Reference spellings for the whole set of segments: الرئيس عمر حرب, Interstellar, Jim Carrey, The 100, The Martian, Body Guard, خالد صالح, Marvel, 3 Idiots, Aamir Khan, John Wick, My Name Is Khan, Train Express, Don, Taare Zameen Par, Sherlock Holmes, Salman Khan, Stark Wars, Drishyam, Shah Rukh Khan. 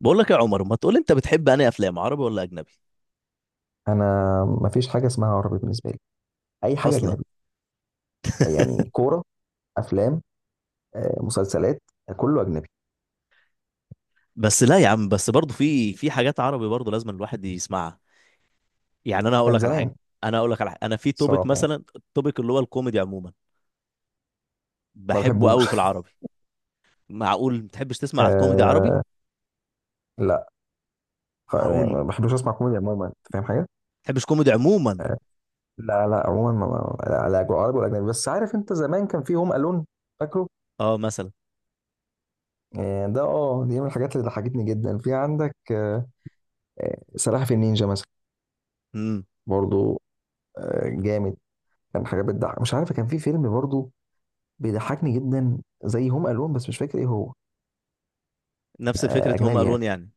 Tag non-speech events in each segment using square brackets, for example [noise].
بقول لك يا عمر، ما تقول انت بتحب انهي افلام عربي ولا اجنبي؟ انا. ما فيش حاجه اسمها عربي بالنسبه لي. اي حاجه اصلا. اجنبي. [laughs] يعني كوره، افلام، مسلسلات، كله اجنبي. بس لا يا عم، بس برضه في حاجات عربي برضه لازم الواحد يسمعها. يعني كان زمان. انا هقول لك على حاجه، انا في توبيك صراحه يعني مثلا، التوبيك اللي هو الكوميدي عموما ما بحبه قوي بحبوش في [laughs] العربي. معقول ما تحبش تسمع كوميدي عربي؟ آه. لا. معقول يعني ما ما بحبش اسمع كوميديا عموما، انت فاهم حاجه؟ تحبش كوميدي عموما؟ لا، لا، عموما، لا، لا، عربي ولا اجنبي. بس عارف انت زمان كان في هوم الون؟ فاكره؟ اه، مثلا. آه. ده دي من الحاجات اللي ضحكتني جدا في عندك. سلاحف النينجا مثلا. امم برضو. جامد. كان حاجه بتضحك، مش عارف، كان في فيلم برضو بيضحكني جدا زي هوم الون، بس مش فاكر ايه هو. نفس فكره هوم اجنبي يعني. الون، يعني.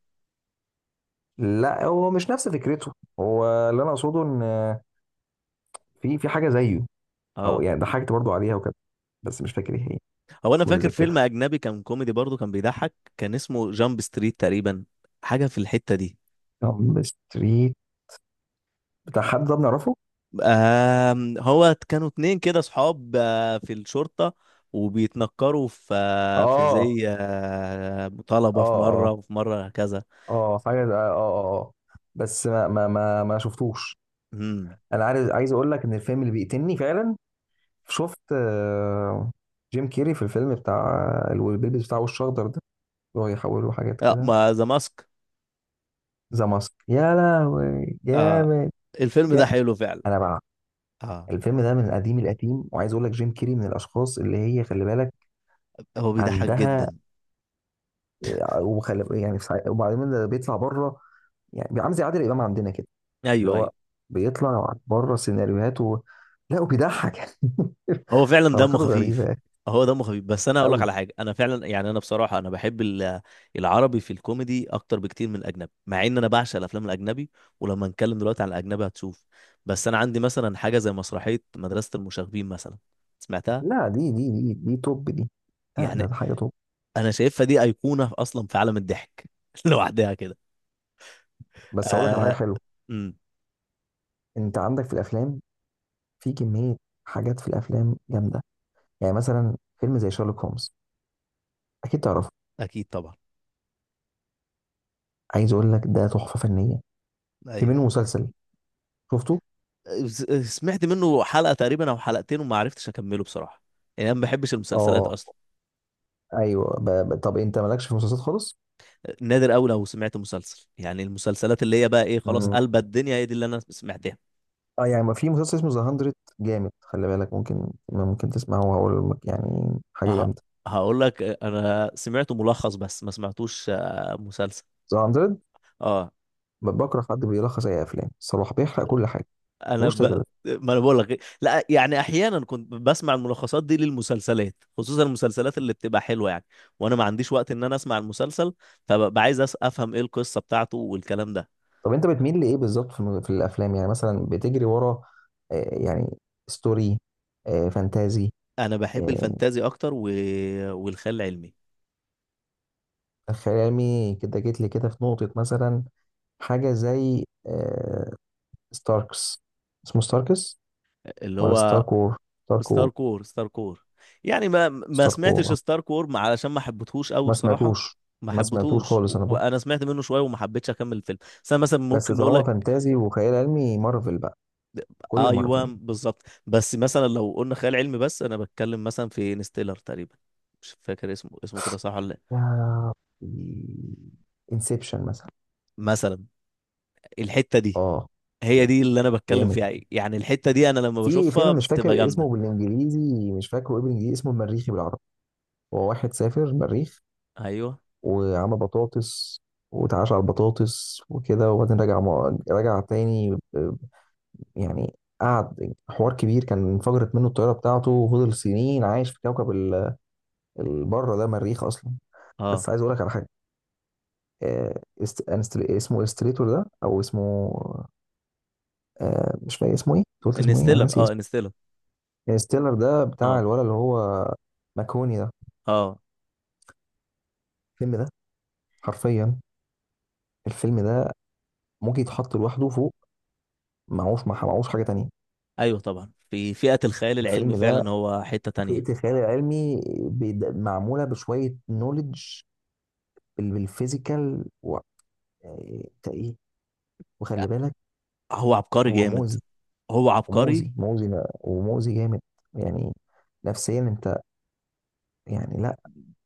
لا، هو مش نفس فكرته. هو اللي انا اقصده ان في حاجه زيه. او اه. يعني ضحكت برضو عليها وكده. بس مش فاكر ايه هي. هو انا مش فاكر متذكرها. فيلم اجنبي كان كوميدي برضه كان بيضحك، كان اسمه جامب ستريت تقريبا، حاجه في الحته دي. جامب ستريت. بتاع حد ده بنعرفه؟ هو كانوا اتنين كده صحاب، في الشرطة، وبيتنكروا في في اه، زي اه، مطالبة في اه، مرة وفي مرة، هكذا. اه، حاجه اه، اه، اه، آه. بس ما شفتوش. امم. انا عايز اقول لك ان الفيلم اللي بيقتلني فعلا. شفت؟ آه، جيم كيري في الفيلم بتاع، اللي هو بيلبس بتاع وش اخضر ده، اللي هو يحوله حاجات لا، كده. ما ذا ماسك. ذا ماسك، يا لهوي آه، جامد. الفيلم ده جامد. حلو فعلا. انا بقى. اه، الفيلم ده من القديم القديم، وعايز اقول لك جيم كيري من الاشخاص اللي هي، خلي بالك هو بيضحك عندها. جدا. وخلي يعني في وبعدين ده بيطلع بره. يعني بيبقى عامل زي عادل امام عندنا كده، اللي ايوه ايوه، هو بيطلع بره سيناريوهات و... لا، وبيضحك [laughs] يعني. هو فعلا دمه حركاته خفيف. غريبه هو دمه خفيف، بس انا هقول لك قوي. على حاجه، انا فعلا يعني انا بصراحه انا بحب العربي في الكوميدي اكتر بكتير من الاجنبي، مع ان انا بعشق الافلام الاجنبي. ولما نتكلم دلوقتي عن الاجنبي هتشوف. بس انا عندي مثلا حاجه زي مسرحيه مدرسه المشاغبين مثلا. سمعتها؟ لا، دي توب دي. لا، ده يعني ده حاجه توب. انا شايفها دي ايقونه اصلا في عالم الضحك [laughs] لوحدها كده. بس اقول لك على حاجه آه... حلوه. أمم، انت عندك في الافلام، في كميه حاجات في الافلام جامده. يعني مثلا فيلم زي شارلوك هومز، اكيد تعرف. اكيد طبعا. عايز اقول لك ده تحفه فنيه. في ايوه، منه مسلسل، شفته؟ س- سمعت منه حلقه تقريبا او حلقتين وما عرفتش اكمله بصراحه. يعني انا ما بحبش المسلسلات اه، اصلا. ايوه. طب انت مالكش في المسلسلات خالص؟ نادر قوي لو سمعت مسلسل، يعني المسلسلات اللي هي بقى ايه، خلاص مم. قلبت الدنيا، هي دي اللي انا سمعتها. اه يعني ما، في مسلسل اسمه ذا 100 جامد، خلي بالك ممكن تسمعه، وهقول لك يعني حاجه ه- جامده. هقول لك، انا سمعت ملخص بس ما سمعتوش مسلسل. ذا 100. اه. بكره حد بيلخص اي افلام. صلاح بيحرق كل حاجه. انا ملوش ب... تلاتة. ما انا بقول لك إيه. لا يعني احيانا كنت بسمع الملخصات دي للمسلسلات، خصوصا المسلسلات اللي بتبقى حلوه، يعني. وانا ما عنديش وقت ان انا اسمع المسلسل، فببقى عايز افهم ايه القصه بتاعته والكلام ده. طب انت بتميل لايه بالظبط في الافلام؟ يعني مثلا بتجري ورا يعني، ستوري، فانتازي، انا بحب آه الفانتازي اكتر والخيال العلمي. خيال علمي؟ كده جيت لي كده في نقطه، مثلا حاجة زي ستاركس، اسمه ستاركس اللي ولا هو ستارك وور؟ ستارك ستار وور. كور، ستار كور، يعني. ما ستارك وور. سمعتش ستار كور، علشان ما حبيتهوش قوي ما بصراحة. سمعتوش. ما ما سمعتوش حبيتهوش، خالص انا بقى. وانا سمعت منه شوية وما حبيتش اكمل الفيلم. بس انا مثلا بس ممكن نقول طالما لك. فانتازي وخيال علمي، مارفل بقى. كل ايوه مارفل. بالظبط، بس مثلا لو قلنا خيال علمي، بس انا بتكلم مثلا في انستيلر تقريبا، مش فاكر اسمه، اسمه كده صح ولا لا. يا، انسبشن مثلا. مثلا، الحتة دي، اه، هي دي اللي انا بتكلم جامد. فيها، يعني الحتة دي انا لما في بشوفها فيلم مش بتبقى فاكر اسمه جامدة. بالانجليزي، مش فاكره ايه بالانجليزي، اسمه المريخي بالعربي. هو واحد سافر المريخ ايوه. وعمل بطاطس، واتعاش على البطاطس وكده، وبعدين رجع رجع تاني، يعني قعد حوار كبير، كان انفجرت منه الطياره بتاعته وفضل سنين عايش في كوكب البره ده، مريخ اصلا. اه بس عايز اقول لك على حاجه. اسمه الستريتور ده، او اسمه، مش فاكر اسمه ايه. أنت قلت اسمه ايه؟ انا انستيلر. ناسي اه اسمه. انستيلر. ستيلر ده بتاع اه الولد، اللي هو ماكوني ده. اه. الفيلم ده، حرفيا، الفيلم ده ممكن يتحط لوحده فوق، معهوش، معهوش حاجه تانية. ايوه طبعا، في فئة الخيال العلمي الفيلم ده، فعلا هو حتة فئة تانية. الخيال العلمي، معمولة بشوية نوليدج، بالفيزيكال. يعني انت ايه! وخلي بالك، هو عبقري هو جامد. مؤذي، هو عبقري. ومؤذي، مؤذي، ومؤذي جامد يعني، نفسيا انت، يعني لا.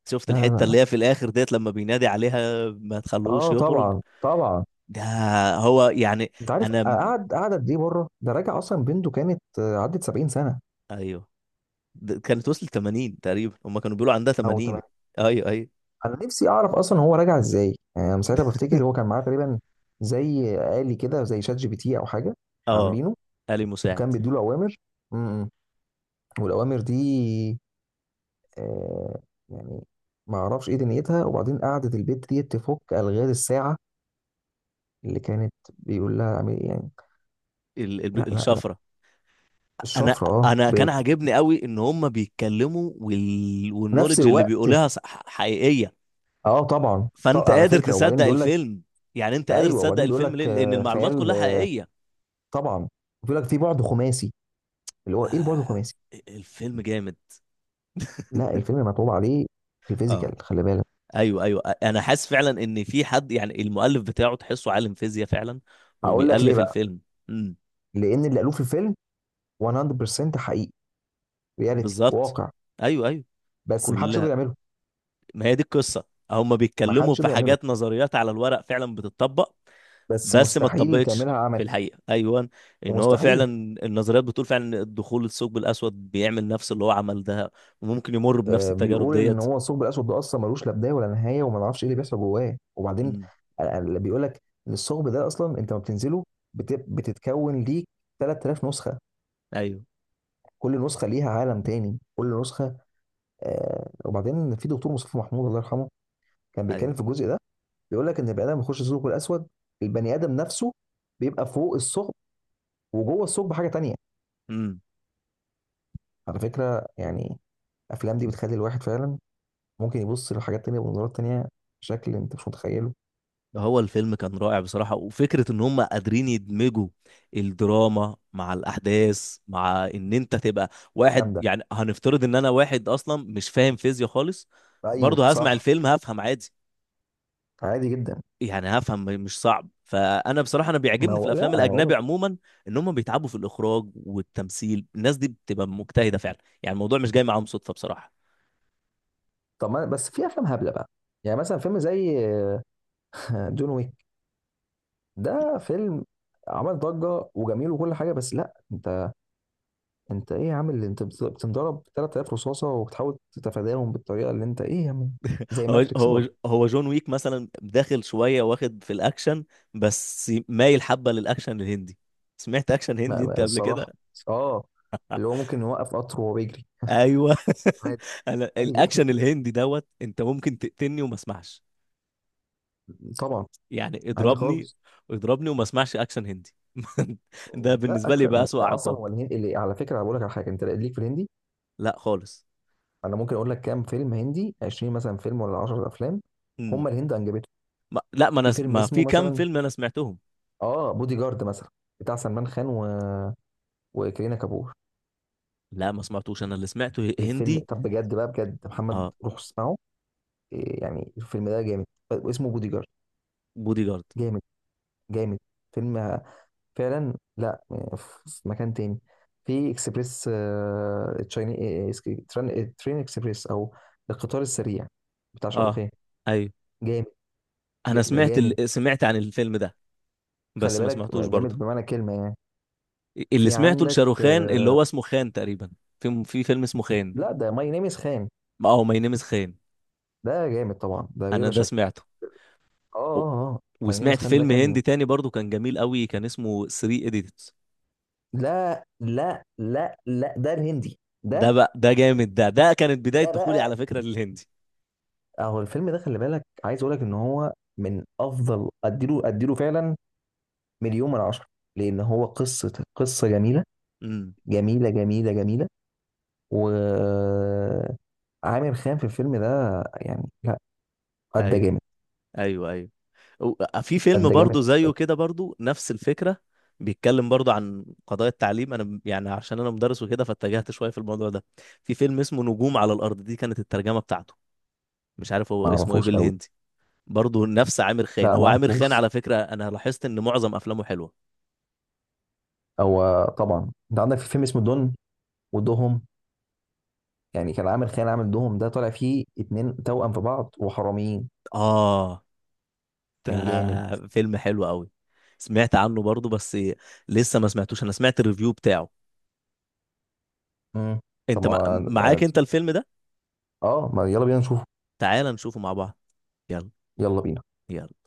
شفت لا، لا، الحتة لا. اللي هي في الآخر ديت، لما بينادي عليها ما تخلوش اه يخرج. طبعا، طبعا. ده هو يعني. انت عارف أنا. قعد قد ايه بره؟ ده راجع اصلا بنته كانت، عدت 70 سنه. أيوه. ده كانت وصلت 80 تقريبا، هما كانوا بيقولوا عندها او تمام. 80. أيوه أيوه. انا نفسي اعرف اصلا هو راجع ازاي، يعني انا ساعتها بفتكر هو [laughs] كان معاه تقريبا زي آلي كده، زي شات جي بي تي او حاجه أه. عاملينه، آلي مساعد. وكان بيديله اوامر. امم. والاوامر دي، آه يعني ما اعرفش ايه دنيتها، وبعدين قعدت البت دي تفك الغاز الساعه اللي كانت بيقول لها اعملي إيه يعني. لا، لا، لا، الشفرة. أنا الشفره. اه. أنا كان عاجبني قوي إن هما بيتكلموا بنفس والنولج اللي الوقت. بيقولها حقيقية. اه طبعا، فانت على قادر فكره، وبعدين تصدق بيقول لك. الفيلم، يعني انت قادر ايوه، تصدق وبعدين بيقول الفيلم ليه؟ لك لان المعلومات خيال، كلها حقيقيه. طبعا. بيقول لك في بعد خماسي، اللي هو ايه البعد آه، الخماسي؟ الفيلم جامد. لا، الفيلم مطلوب عليه في اه الفيزيكال، خلي بالك. ايوه ايوه. انا حاسس فعلا ان في حد يعني المؤلف بتاعه تحسه عالم فيزياء فعلا هقول لك ليه وبيألف بقى. الفيلم. امم. لان اللي قالوه في الفيلم 100% حقيقي، رياليتي، بالظبط، واقع. ايوه ايوه. بس محدش كلها. يقدر يعمله. ما هي دي القصه، هم بيتكلموا محدش في يقدر يعمله، حاجات نظريات على الورق فعلا بتتطبق، بس بس ما مستحيل اتطبقتش تعملها، في الحقيقه. ايوه، ان هو فعلا ومستحيل. النظريات بتقول فعلا ان الدخول الثقب الاسود بيعمل نفس اللي هو عمل ده، وممكن يمر بنفس التجارب بيقول ان ديت. هو الثقب الاسود ده اصلا ملوش لا بدايه ولا نهايه، وما نعرفش ايه اللي بيحصل جواه. وبعدين امم، اللي بيقول لك ان الثقب ده، اصلا انت ما بتنزله، بتتكون ليك 3000 نسخه، ايوه كل نسخه ليها عالم تاني، كل نسخه. وبعدين في دكتور مصطفى محمود، الله يرحمه، كان ايوه. بيتكلم في الجزء ده. بيقول لك ان البني ادم بيخش الثقب الاسود، البني ادم نفسه بيبقى فوق الثقب، وجوه الثقب حاجه تانيه. امم. على فكره يعني، الافلام دي بتخلي الواحد فعلا ممكن يبص لحاجات تانيه، بمنظورات تانيه، بشكل انت مش متخيله. هو الفيلم كان رائع بصراحه، وفكره ان هم قادرين يدمجوا الدراما مع الاحداث، مع ان انت تبقى جامده. واحد يعني هنفترض ان انا واحد اصلا مش فاهم فيزياء خالص، ايوه برضه هسمع صح. الفيلم هفهم عادي. عادي جدا. يعني هفهم مش صعب. فانا بصراحه انا ما بيعجبني في هو الافلام لا، هو الاجنبي مش. عموما ان هم بيتعبوا في الاخراج والتمثيل. الناس دي بتبقى مجتهده فعلا، يعني الموضوع مش جاي معاهم صدفه بصراحه. طب ما بس في افلام هبله بقى، يعني مثلا فيلم زي [laughs] جون ويك. ده فيلم عمل ضجه وجميل وكل حاجه، بس لا. انت، انت ايه يا عم؟ اللي انت بتنضرب 3000 رصاصه وبتحاول تتفاداهم بالطريقه، اللي انت ايه يا عم! زي هو ماتريكس هو برضه. هو جون ويك مثلا داخل شويه واخد في الاكشن، بس مايل حبه للاكشن الهندي. سمعت اكشن هندي انت قبل كده؟ الصراحه، اه، اللي هو ممكن يوقف قطر وهو بيجري. ايوه. [laughs] عادي. انا عادي جدا. الاكشن الهندي دوت، انت ممكن تقتلني وما اسمعش. [laughs] طبعا. يعني عادي اضربني، خالص. اضربني وما اسمعش اكشن هندي. [laughs] ده لا، بالنسبه لي بقى اكشن اسوأ اصلا عقاب. هو الهندي. اللي على فكره، بقول لك على حاجه، انت ليك في الهندي؟ لا خالص. انا ممكن اقول لك كام فيلم هندي، 20 مثلا فيلم، ولا 10 افلام مم. هم الهند انجبته. ما... لا ما انا في فيلم ما، اسمه في كام مثلا، فيلم انا سمعتهم. اه، بودي جارد مثلا، بتاع سلمان خان و... وكرينا كابور. لا ما سمعتوش. انا اللي سمعته الفيلم، هندي. طب بجد بقى، بجد محمد اه روح اسمعه. إيه يعني، الفيلم ده جامد. اسمه بودي جارد. بودي جارد. جامد. جامد. فيلم فعلا. لا، في مكان تاني، في اكسبريس، تشايني، إيه، تران- آه، ترين اكسبريس، او القطار السريع، بتاع اه شاروخان. ايوه. جامد. انا سمعت جامد، سمعت عن الفيلم ده، خلي بس ما بالك سمعتوش جامد برضه. بمعنى كلمة يعني. اللي في سمعته عندك لشاروخان، اللي هو اسمه خان تقريبا، في فيلم اسمه خان. لا، ده ماي نيم از خان. اه ماي نيم از خان. ده جامد طبعا، ده انا بلا ده شك. سمعته، اه، اه، و- اه، آه. ماي نيم از وسمعت خان ده فيلم كان، هندي تاني برضه كان جميل قوي، كان اسمه 3 ايديتس. لا، لا، لا، لا، ده الهندي ده ده. بقى، ده جامد، ده كانت بداية ده دخولي بقى، على فكرة للهندي. اهو الفيلم ده، خلي بالك، عايز اقول لك ان هو من افضل. اديله، اديله فعلا مليون من عشرة، لان هو قصة، قصة جميلة، امم. جميلة، جميلة، جميلة، و عامر خان في الفيلم ده، يعني لا، قد ايوه جامد. ايوه ايوه. في فيلم قد برضه جامد. زيه كده برضه نفس الفكرة، بيتكلم برضه عن قضايا التعليم. انا يعني عشان انا مدرس وكده، فاتجهت شوية في الموضوع ده. في فيلم اسمه نجوم على الارض، دي كانت الترجمة بتاعته. مش عارف هو ما اسمه ايه اعرفوش قوي. بالهندي. برضه نفس عامر خان. لا، ما هو عامر خان اعرفوش. على فكرة انا لاحظت ان معظم افلامه حلوة. هو طبعا انت عندك في فيلم اسمه دون، ودهم، يعني كان عامل خيال، عامل دهم ده، طالع فيه اتنين توأم في بعض وحراميين. اه، كان جامد. ده فيلم حلو قوي. سمعت عنه برضه، بس لسه ما سمعتوش. انا سمعت الريفيو بتاعه. امم. طب انت ما معاك انت الفيلم ده؟ اه، ما يلا بينا نشوفه. تعال نشوفه مع بعض. يلا. يلا بينا. يلا.